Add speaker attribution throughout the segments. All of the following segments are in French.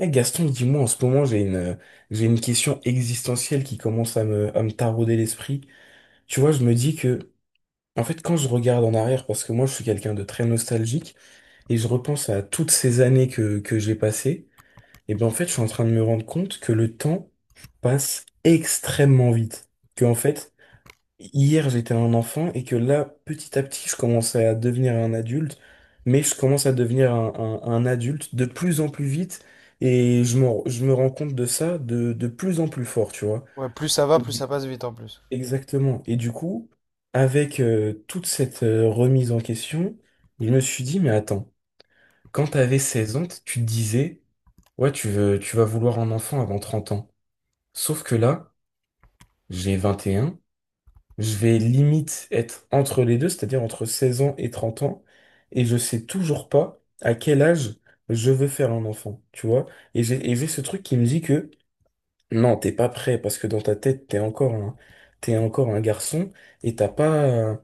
Speaker 1: Eh Gaston, dis-moi, en ce moment, j'ai une question existentielle qui commence à me tarauder l'esprit. Tu vois, je me dis que, en fait, quand je regarde en arrière, parce que moi, je suis quelqu'un de très nostalgique, et je repense à toutes ces années que j'ai passées, et bien, en fait, je suis en train de me rendre compte que le temps passe extrêmement vite. Que, en fait, hier, j'étais un enfant et que là, petit à petit, je commençais à devenir un adulte, mais je commence à devenir un adulte de plus en plus vite et je me rends compte de ça de plus en plus fort, tu vois.
Speaker 2: Ouais, plus ça va,
Speaker 1: Et
Speaker 2: plus ça
Speaker 1: du-
Speaker 2: passe vite en plus.
Speaker 1: Exactement. Et du coup, avec toute cette remise en question, je me suis dit, mais attends, quand t'avais 16 ans, tu te disais, ouais, tu vas vouloir un enfant avant 30 ans. Sauf que là, j'ai 21. Je vais limite être entre les deux, c'est-à-dire entre 16 ans et 30 ans, et je sais toujours pas à quel âge je veux faire un enfant, tu vois. Et j'ai ce truc qui me dit que non, t'es pas prêt parce que dans ta tête, t'es encore un garçon et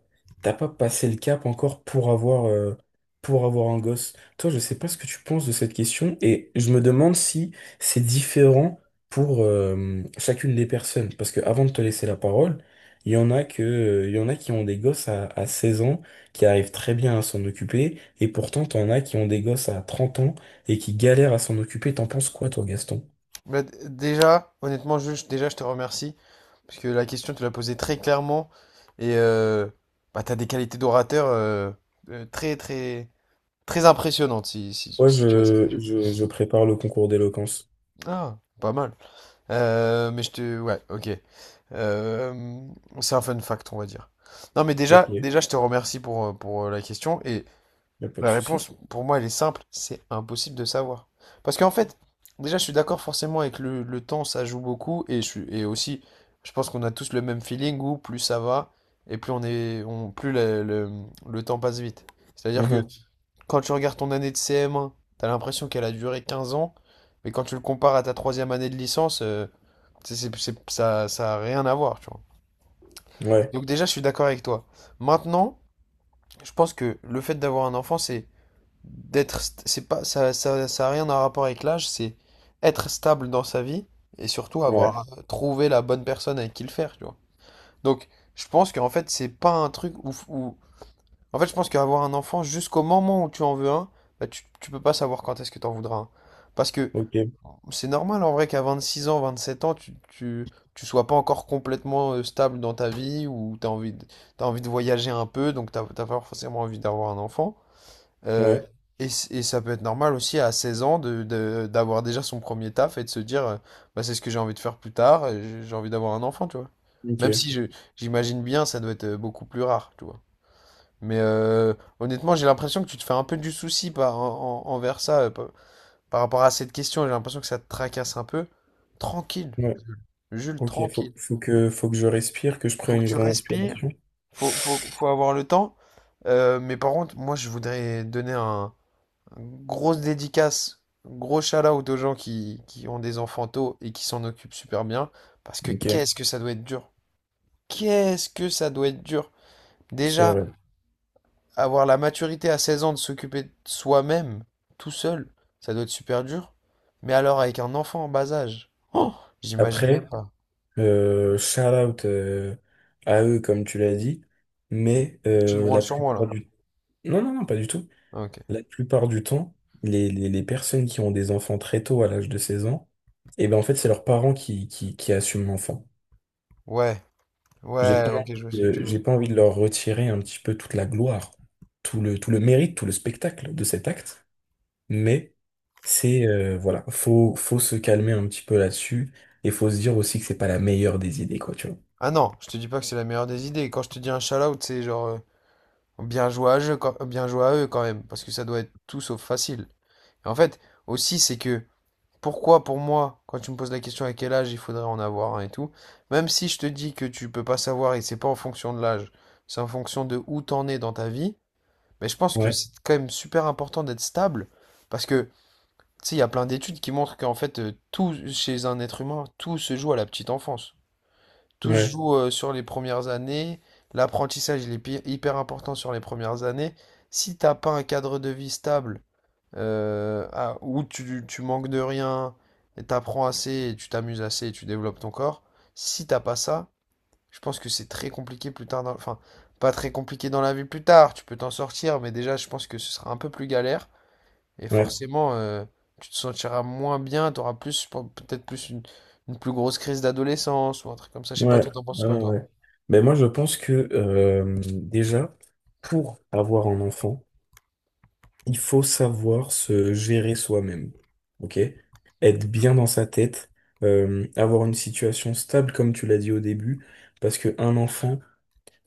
Speaker 1: t'as pas passé le cap encore pour avoir un gosse. Toi, je sais pas ce que tu penses de cette question et je me demande si c'est différent pour chacune des personnes. Parce que avant de te laisser la parole, il y en a qui ont des gosses à 16 ans, qui arrivent très bien à s'en occuper et pourtant, t'en as qui ont des gosses à 30 ans et qui galèrent à s'en occuper. T'en penses quoi, toi, Gaston?
Speaker 2: Bah, déjà, honnêtement, Jules, déjà, je te remercie. Parce que la question, tu l'as posée très clairement. Et bah, tu as des qualités d'orateur très, très, très impressionnantes.
Speaker 1: Ouais, je prépare le concours d'éloquence.
Speaker 2: Ah, pas mal. Mais je te. Ouais, ok. Euh, c'est un fun fact, on va dire. Non, mais
Speaker 1: Ok,
Speaker 2: déjà,
Speaker 1: y
Speaker 2: déjà, je te remercie pour, la question.
Speaker 1: a pas de
Speaker 2: La
Speaker 1: souci.
Speaker 2: réponse, pour moi, elle est simple, c'est impossible de savoir. Parce qu'en fait, déjà, je suis d'accord forcément avec le temps, ça joue beaucoup, et aussi, je pense qu'on a tous le même feeling où plus ça va, et plus on est, on, plus le temps passe vite. C'est-à-dire que
Speaker 1: Mhm.
Speaker 2: quand tu regardes ton année de CM1, t'as l'impression qu'elle a duré 15 ans, mais quand tu le compares à ta troisième année de licence, ça a rien à voir, tu vois.
Speaker 1: Ouais,
Speaker 2: Donc déjà, je suis d'accord avec toi. Maintenant, je pense que le fait d'avoir un enfant, c'est d'être c'est pas ça, ça a rien à rapport avec l'âge, c'est être stable dans sa vie et surtout
Speaker 1: ouais,
Speaker 2: avoir trouvé la bonne personne avec qui le faire, tu vois. Donc, je pense qu'en fait, c'est pas un truc en fait, je pense qu'avoir un enfant jusqu'au moment où tu en veux un, bah, tu peux pas savoir quand est-ce que t'en voudras un. Parce que
Speaker 1: ok,
Speaker 2: c'est normal en vrai qu'à 26 ans, 27 ans, tu sois pas encore complètement stable dans ta vie ou t'as envie de voyager un peu, donc t'as pas forcément envie d'avoir un enfant. Euh,
Speaker 1: ouais,
Speaker 2: et ça peut être normal aussi à 16 ans d'avoir déjà son premier taf et de se dire, bah, c'est ce que j'ai envie de faire plus tard, j'ai envie d'avoir un enfant, tu vois. Même
Speaker 1: ok,
Speaker 2: si j'imagine bien, ça doit être beaucoup plus rare, tu vois. Mais honnêtement, j'ai l'impression que tu te fais un peu du souci envers ça, par rapport à cette question. J'ai l'impression que ça te tracasse un peu. Tranquille,
Speaker 1: ouais,
Speaker 2: Jules,
Speaker 1: ok.
Speaker 2: tranquille.
Speaker 1: Faut que je respire, que je
Speaker 2: Faut
Speaker 1: prenne
Speaker 2: que
Speaker 1: une
Speaker 2: tu
Speaker 1: grande
Speaker 2: respires,
Speaker 1: inspiration.
Speaker 2: faut avoir le temps. Mais par contre, moi, je voudrais donner un grosse dédicace, gros shout-out aux gens qui ont des enfants tôt et qui s'en occupent super bien, parce que
Speaker 1: Ok,
Speaker 2: qu'est-ce que ça doit être dur. Qu'est-ce que ça doit être dur.
Speaker 1: c'est
Speaker 2: Déjà,
Speaker 1: vrai.
Speaker 2: avoir la maturité à 16 ans de s'occuper de soi-même, tout seul, ça doit être super dur. Mais alors avec un enfant en bas âge, oh, j'imagine même
Speaker 1: Après,
Speaker 2: pas.
Speaker 1: shout out à eux, comme tu l'as dit, mais
Speaker 2: Tu te branles
Speaker 1: la
Speaker 2: sur moi là.
Speaker 1: plupart du... Non, non, non, pas du tout.
Speaker 2: Ah, ok.
Speaker 1: La plupart du temps, les personnes qui ont des enfants très tôt, à l'âge de 16 ans, et ben en fait, c'est leurs parents qui assument l'enfant.
Speaker 2: Ouais,
Speaker 1: J'ai
Speaker 2: ouais,
Speaker 1: pas,
Speaker 2: ok, je vois ce que tu veux.
Speaker 1: j'ai pas envie de leur retirer un petit peu toute la gloire, tout le mérite, tout le spectacle de cet acte, mais voilà, faut se calmer un petit peu là-dessus et faut se dire aussi que c'est pas la meilleure des idées, quoi, tu vois.
Speaker 2: Ah non, je te dis pas que c'est la meilleure des idées. Quand je te dis un shout-out, c'est genre, Bien joué à eux, quand, bien joué à eux quand même, parce que ça doit être tout sauf facile. Et en fait, aussi, c'est que pourquoi pour moi, quand tu me poses la question à quel âge il faudrait en avoir un et tout, même si je te dis que tu peux pas savoir et c'est pas en fonction de l'âge, c'est en fonction de où t'en es dans ta vie, mais je pense que
Speaker 1: Ouais,
Speaker 2: c'est quand même super important d'être stable, parce que, tu sais, il y a plein d'études qui montrent qu'en fait, tout chez un être humain, tout se joue à la petite enfance. Tout se
Speaker 1: ouais,
Speaker 2: joue sur les premières années. L'apprentissage, il est hyper important sur les premières années. Si t'as pas un cadre de vie stable, où tu manques de rien, et t'apprends assez, et tu t'amuses assez, et tu développes ton corps, si t'as pas ça, je pense que c'est très compliqué plus tard dans, enfin, pas très compliqué dans la vie plus tard, tu peux t'en sortir, mais déjà, je pense que ce sera un peu plus galère. Et
Speaker 1: ouais.
Speaker 2: forcément, tu te sentiras moins bien, t'auras plus, je pense, peut-être plus une plus grosse crise d'adolescence ou un truc comme ça. Je sais pas,
Speaker 1: Ouais,
Speaker 2: toi, t'en penses
Speaker 1: ouais,
Speaker 2: quoi, toi?
Speaker 1: ouais. Mais moi, je pense que déjà, pour avoir un enfant, il faut savoir se gérer soi-même. OK? Être bien dans sa tête, avoir une situation stable, comme tu l'as dit au début, parce que un enfant,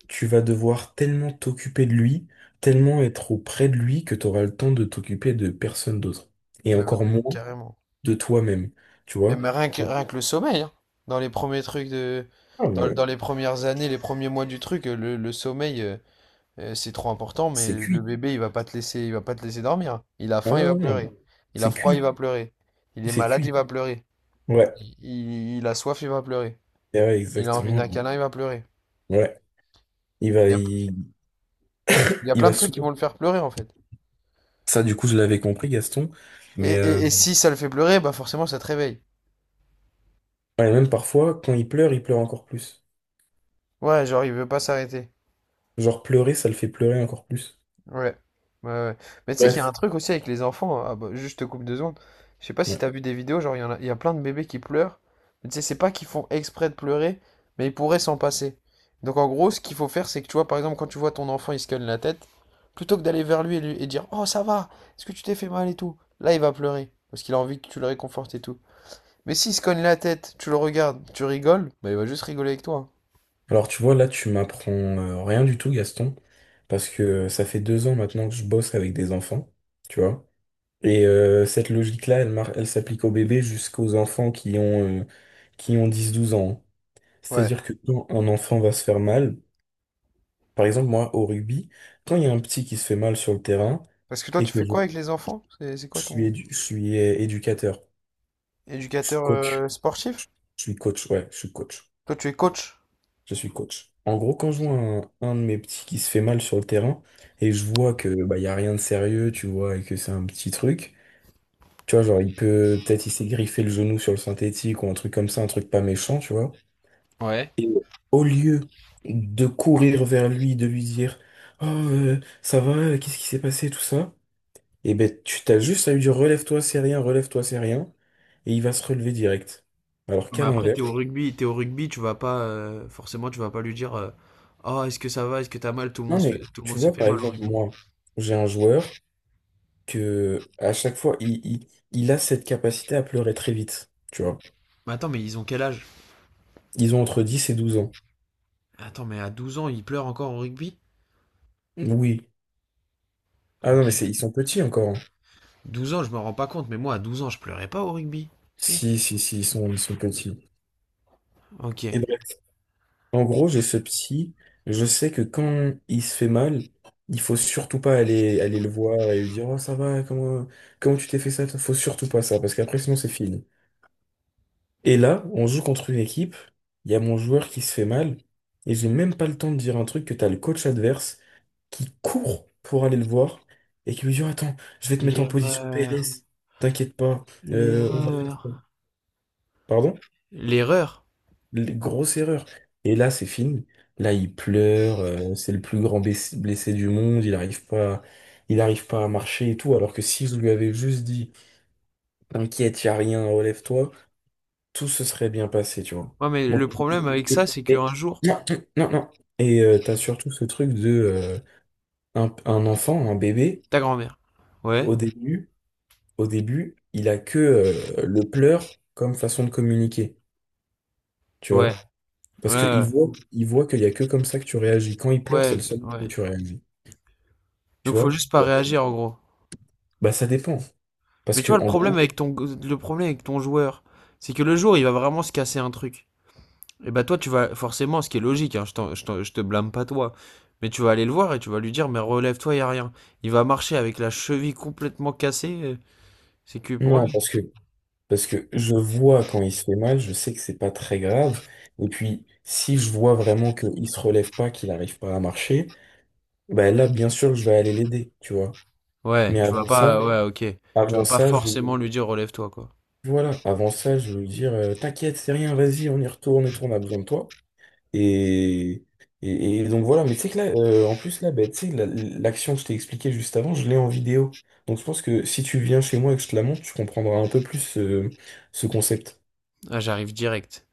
Speaker 1: tu vas devoir tellement t'occuper de lui, tellement être auprès de lui que tu auras le temps de t'occuper de personne d'autre. Et
Speaker 2: Mais,
Speaker 1: encore
Speaker 2: mais
Speaker 1: moins
Speaker 2: carrément.
Speaker 1: de toi-même. Tu
Speaker 2: Mais,
Speaker 1: vois?
Speaker 2: mais rien que,
Speaker 1: Donc,
Speaker 2: rien que le sommeil, hein. Dans les premiers trucs de.
Speaker 1: ah,
Speaker 2: Dans,
Speaker 1: mais
Speaker 2: dans les premières années, les premiers mois du truc, le sommeil, c'est trop important, mais
Speaker 1: c'est
Speaker 2: le
Speaker 1: cuit.
Speaker 2: bébé, il va pas te laisser dormir. Il a
Speaker 1: Ah,
Speaker 2: faim,
Speaker 1: ouais,
Speaker 2: il va
Speaker 1: ouais. Ouais.
Speaker 2: pleurer. Il a
Speaker 1: C'est
Speaker 2: froid,
Speaker 1: cuit.
Speaker 2: il va pleurer. Il est
Speaker 1: C'est
Speaker 2: malade, il
Speaker 1: cuit.
Speaker 2: va pleurer.
Speaker 1: Ouais,
Speaker 2: Il a soif, il va pleurer.
Speaker 1: eh ouais,
Speaker 2: Il a envie
Speaker 1: exactement.
Speaker 2: d'un câlin, il va pleurer.
Speaker 1: Ouais, il va,
Speaker 2: Il y a,
Speaker 1: il,
Speaker 2: il y a
Speaker 1: il
Speaker 2: plein
Speaker 1: va
Speaker 2: de trucs qui
Speaker 1: souvent.
Speaker 2: vont le faire pleurer, en fait.
Speaker 1: Ça, du coup, je l'avais compris, Gaston.
Speaker 2: Et,
Speaker 1: Mais
Speaker 2: et, et si ça le fait pleurer, bah forcément, ça te réveille.
Speaker 1: ouais, même parfois, quand il pleure encore plus.
Speaker 2: Ouais, genre, il veut pas s'arrêter.
Speaker 1: Genre, pleurer, ça le fait pleurer encore plus.
Speaker 2: Ouais. Ouais, ouais. Mais tu sais qu'il y a un
Speaker 1: Bref.
Speaker 2: truc aussi avec les enfants. Ah bah, juste je te coupe 2 secondes. Je sais pas si
Speaker 1: Ouais.
Speaker 2: t'as vu des vidéos, genre il y a plein de bébés qui pleurent. Mais tu sais, c'est pas qu'ils font exprès de pleurer, mais ils pourraient s'en passer. Donc en gros, ce qu'il faut faire, c'est que tu vois, par exemple, quand tu vois ton enfant, il se cogne la tête, plutôt que d'aller vers lui et dire, oh, ça va, est-ce que tu t'es fait mal et tout? Là, il va pleurer. Parce qu'il a envie que tu le réconfortes et tout. Mais s'il se cogne la tête, tu le regardes, tu rigoles, bah il va juste rigoler avec toi.
Speaker 1: Alors, tu vois, là, tu m'apprends rien du tout, Gaston. Parce que ça fait 2 ans maintenant que je bosse avec des enfants. Tu vois. Et cette logique-là, elle s'applique aux bébés jusqu'aux enfants qui ont 10, 12 ans, hein.
Speaker 2: Ouais.
Speaker 1: C'est-à-dire que quand un enfant va se faire mal. Par exemple, moi, au rugby, quand il y a un petit qui se fait mal sur le terrain
Speaker 2: Parce que toi,
Speaker 1: et
Speaker 2: tu
Speaker 1: que
Speaker 2: fais
Speaker 1: je
Speaker 2: quoi avec les enfants? C'est quoi
Speaker 1: suis,
Speaker 2: ton
Speaker 1: édu- je suis éducateur, je suis
Speaker 2: éducateur
Speaker 1: coach,
Speaker 2: sportif?
Speaker 1: ouais, je suis coach.
Speaker 2: Toi, tu es coach.
Speaker 1: En gros, quand je vois
Speaker 2: Okay.
Speaker 1: un de mes petits qui se fait mal sur le terrain et je vois que bah, il y a rien de sérieux, tu vois, et que c'est un petit truc, tu vois, genre il peut peut-être il s'est griffé le genou sur le synthétique ou un truc comme ça, un truc pas méchant, tu vois.
Speaker 2: Ouais.
Speaker 1: Et au lieu de courir vers lui, de lui dire, oh, ça va, qu'est-ce qui s'est passé, tout ça. Et ben, tu t'as juste à lui dire: relève-toi, c'est rien, et il va se relever direct. Alors
Speaker 2: Mais
Speaker 1: qu'à
Speaker 2: après,
Speaker 1: l'inverse,
Speaker 2: t'es au rugby, tu vas pas forcément, tu vas pas lui dire, oh, est-ce que ça va, est-ce que t'as mal,
Speaker 1: non mais
Speaker 2: tout le
Speaker 1: tu
Speaker 2: monde se
Speaker 1: vois
Speaker 2: fait
Speaker 1: par
Speaker 2: mal au
Speaker 1: exemple,
Speaker 2: rugby.
Speaker 1: moi, j'ai un joueur que à chaque fois il a cette capacité à pleurer très vite, tu vois.
Speaker 2: Mais attends, mais ils ont quel âge?
Speaker 1: Ils ont entre 10 et 12 ans.
Speaker 2: Attends, mais à 12 ans, ils pleurent encore au rugby?
Speaker 1: Oui. Ah
Speaker 2: Ok.
Speaker 1: non, mais c'est ils sont petits encore, hein.
Speaker 2: 12 ans, je me rends pas compte, mais moi, à 12 ans, je pleurais pas au rugby. Si?
Speaker 1: Si, si, si, ils sont petits.
Speaker 2: Ok.
Speaker 1: Et bref. En gros, j'ai ce psy. Je sais que quand il se fait mal, il faut surtout pas aller le voir et lui dire: Oh, ça va, comment tu t'es fait ça? Toi, faut surtout pas ça, parce qu'après, sinon, c'est fini. Et là, on joue contre une équipe. Il y a mon joueur qui se fait mal. Et j'ai même pas le temps de dire un truc que t'as le coach adverse qui court pour aller le voir et qui lui dit: Oh, attends, je vais te mettre en position
Speaker 2: L'erreur,
Speaker 1: PLS. T'inquiète pas, on va faire ça.
Speaker 2: l'erreur,
Speaker 1: Pardon?
Speaker 2: l'erreur.
Speaker 1: Grosse erreur. Et là, c'est fini. Là, il pleure, c'est le plus grand blessé du monde, il arrive pas à marcher et tout, alors que si je lui avais juste dit: t'inquiète, y a rien, relève-toi, tout se serait bien passé, tu vois.
Speaker 2: Ouais, mais
Speaker 1: Donc,
Speaker 2: le problème
Speaker 1: et-
Speaker 2: avec
Speaker 1: et-
Speaker 2: ça, c'est
Speaker 1: et-
Speaker 2: qu'un jour,
Speaker 1: non, non, non. Et t'as surtout ce truc de un enfant, un bébé,
Speaker 2: ta grand-mère. Ouais,
Speaker 1: au début, au début, il a que le pleur comme façon de communiquer, tu
Speaker 2: ouais,
Speaker 1: vois. Parce qu'ils
Speaker 2: ouais,
Speaker 1: voient, ils voient qu'il y a que comme ça que tu réagis. Quand il pleure, c'est
Speaker 2: ouais,
Speaker 1: le seul moment
Speaker 2: ouais.
Speaker 1: où tu réagis.
Speaker 2: Donc
Speaker 1: Tu
Speaker 2: faut
Speaker 1: vois?
Speaker 2: juste pas
Speaker 1: Ouais.
Speaker 2: réagir en gros.
Speaker 1: Bah ça dépend. Parce
Speaker 2: Mais tu vois,
Speaker 1: que en gros,
Speaker 2: le problème avec ton joueur, c'est que le jour, il va vraiment se casser un truc. Et bah toi, tu vas forcément, ce qui est logique, hein, je te blâme pas toi, mais tu vas aller le voir et tu vas lui dire, mais relève-toi, y a rien. Il va marcher avec la cheville complètement cassée, c'est que pour
Speaker 1: Non,
Speaker 2: lui.
Speaker 1: parce que je vois quand il se fait mal, je sais que c'est pas très grave. Et puis si je vois vraiment qu'il se relève pas, qu'il n'arrive pas à marcher, bah là bien sûr je vais aller l'aider, tu vois.
Speaker 2: Ouais,
Speaker 1: Mais
Speaker 2: tu vas pas, ouais, ok. Tu
Speaker 1: avant
Speaker 2: vas pas
Speaker 1: ça, je vais
Speaker 2: forcément lui dire, relève-toi, quoi.
Speaker 1: voilà, avant ça, je vais lui dire t'inquiète, c'est rien, vas-y, on y retourne et tout, on a besoin de toi. Et, et donc voilà, mais tu sais que là, en plus là, bah, tu sais, l'action que je t'ai expliquée juste avant, je l'ai en vidéo. Donc je pense que si tu viens chez moi et que je te la montre, tu comprendras un peu plus ce concept.
Speaker 2: Ah, j'arrive direct.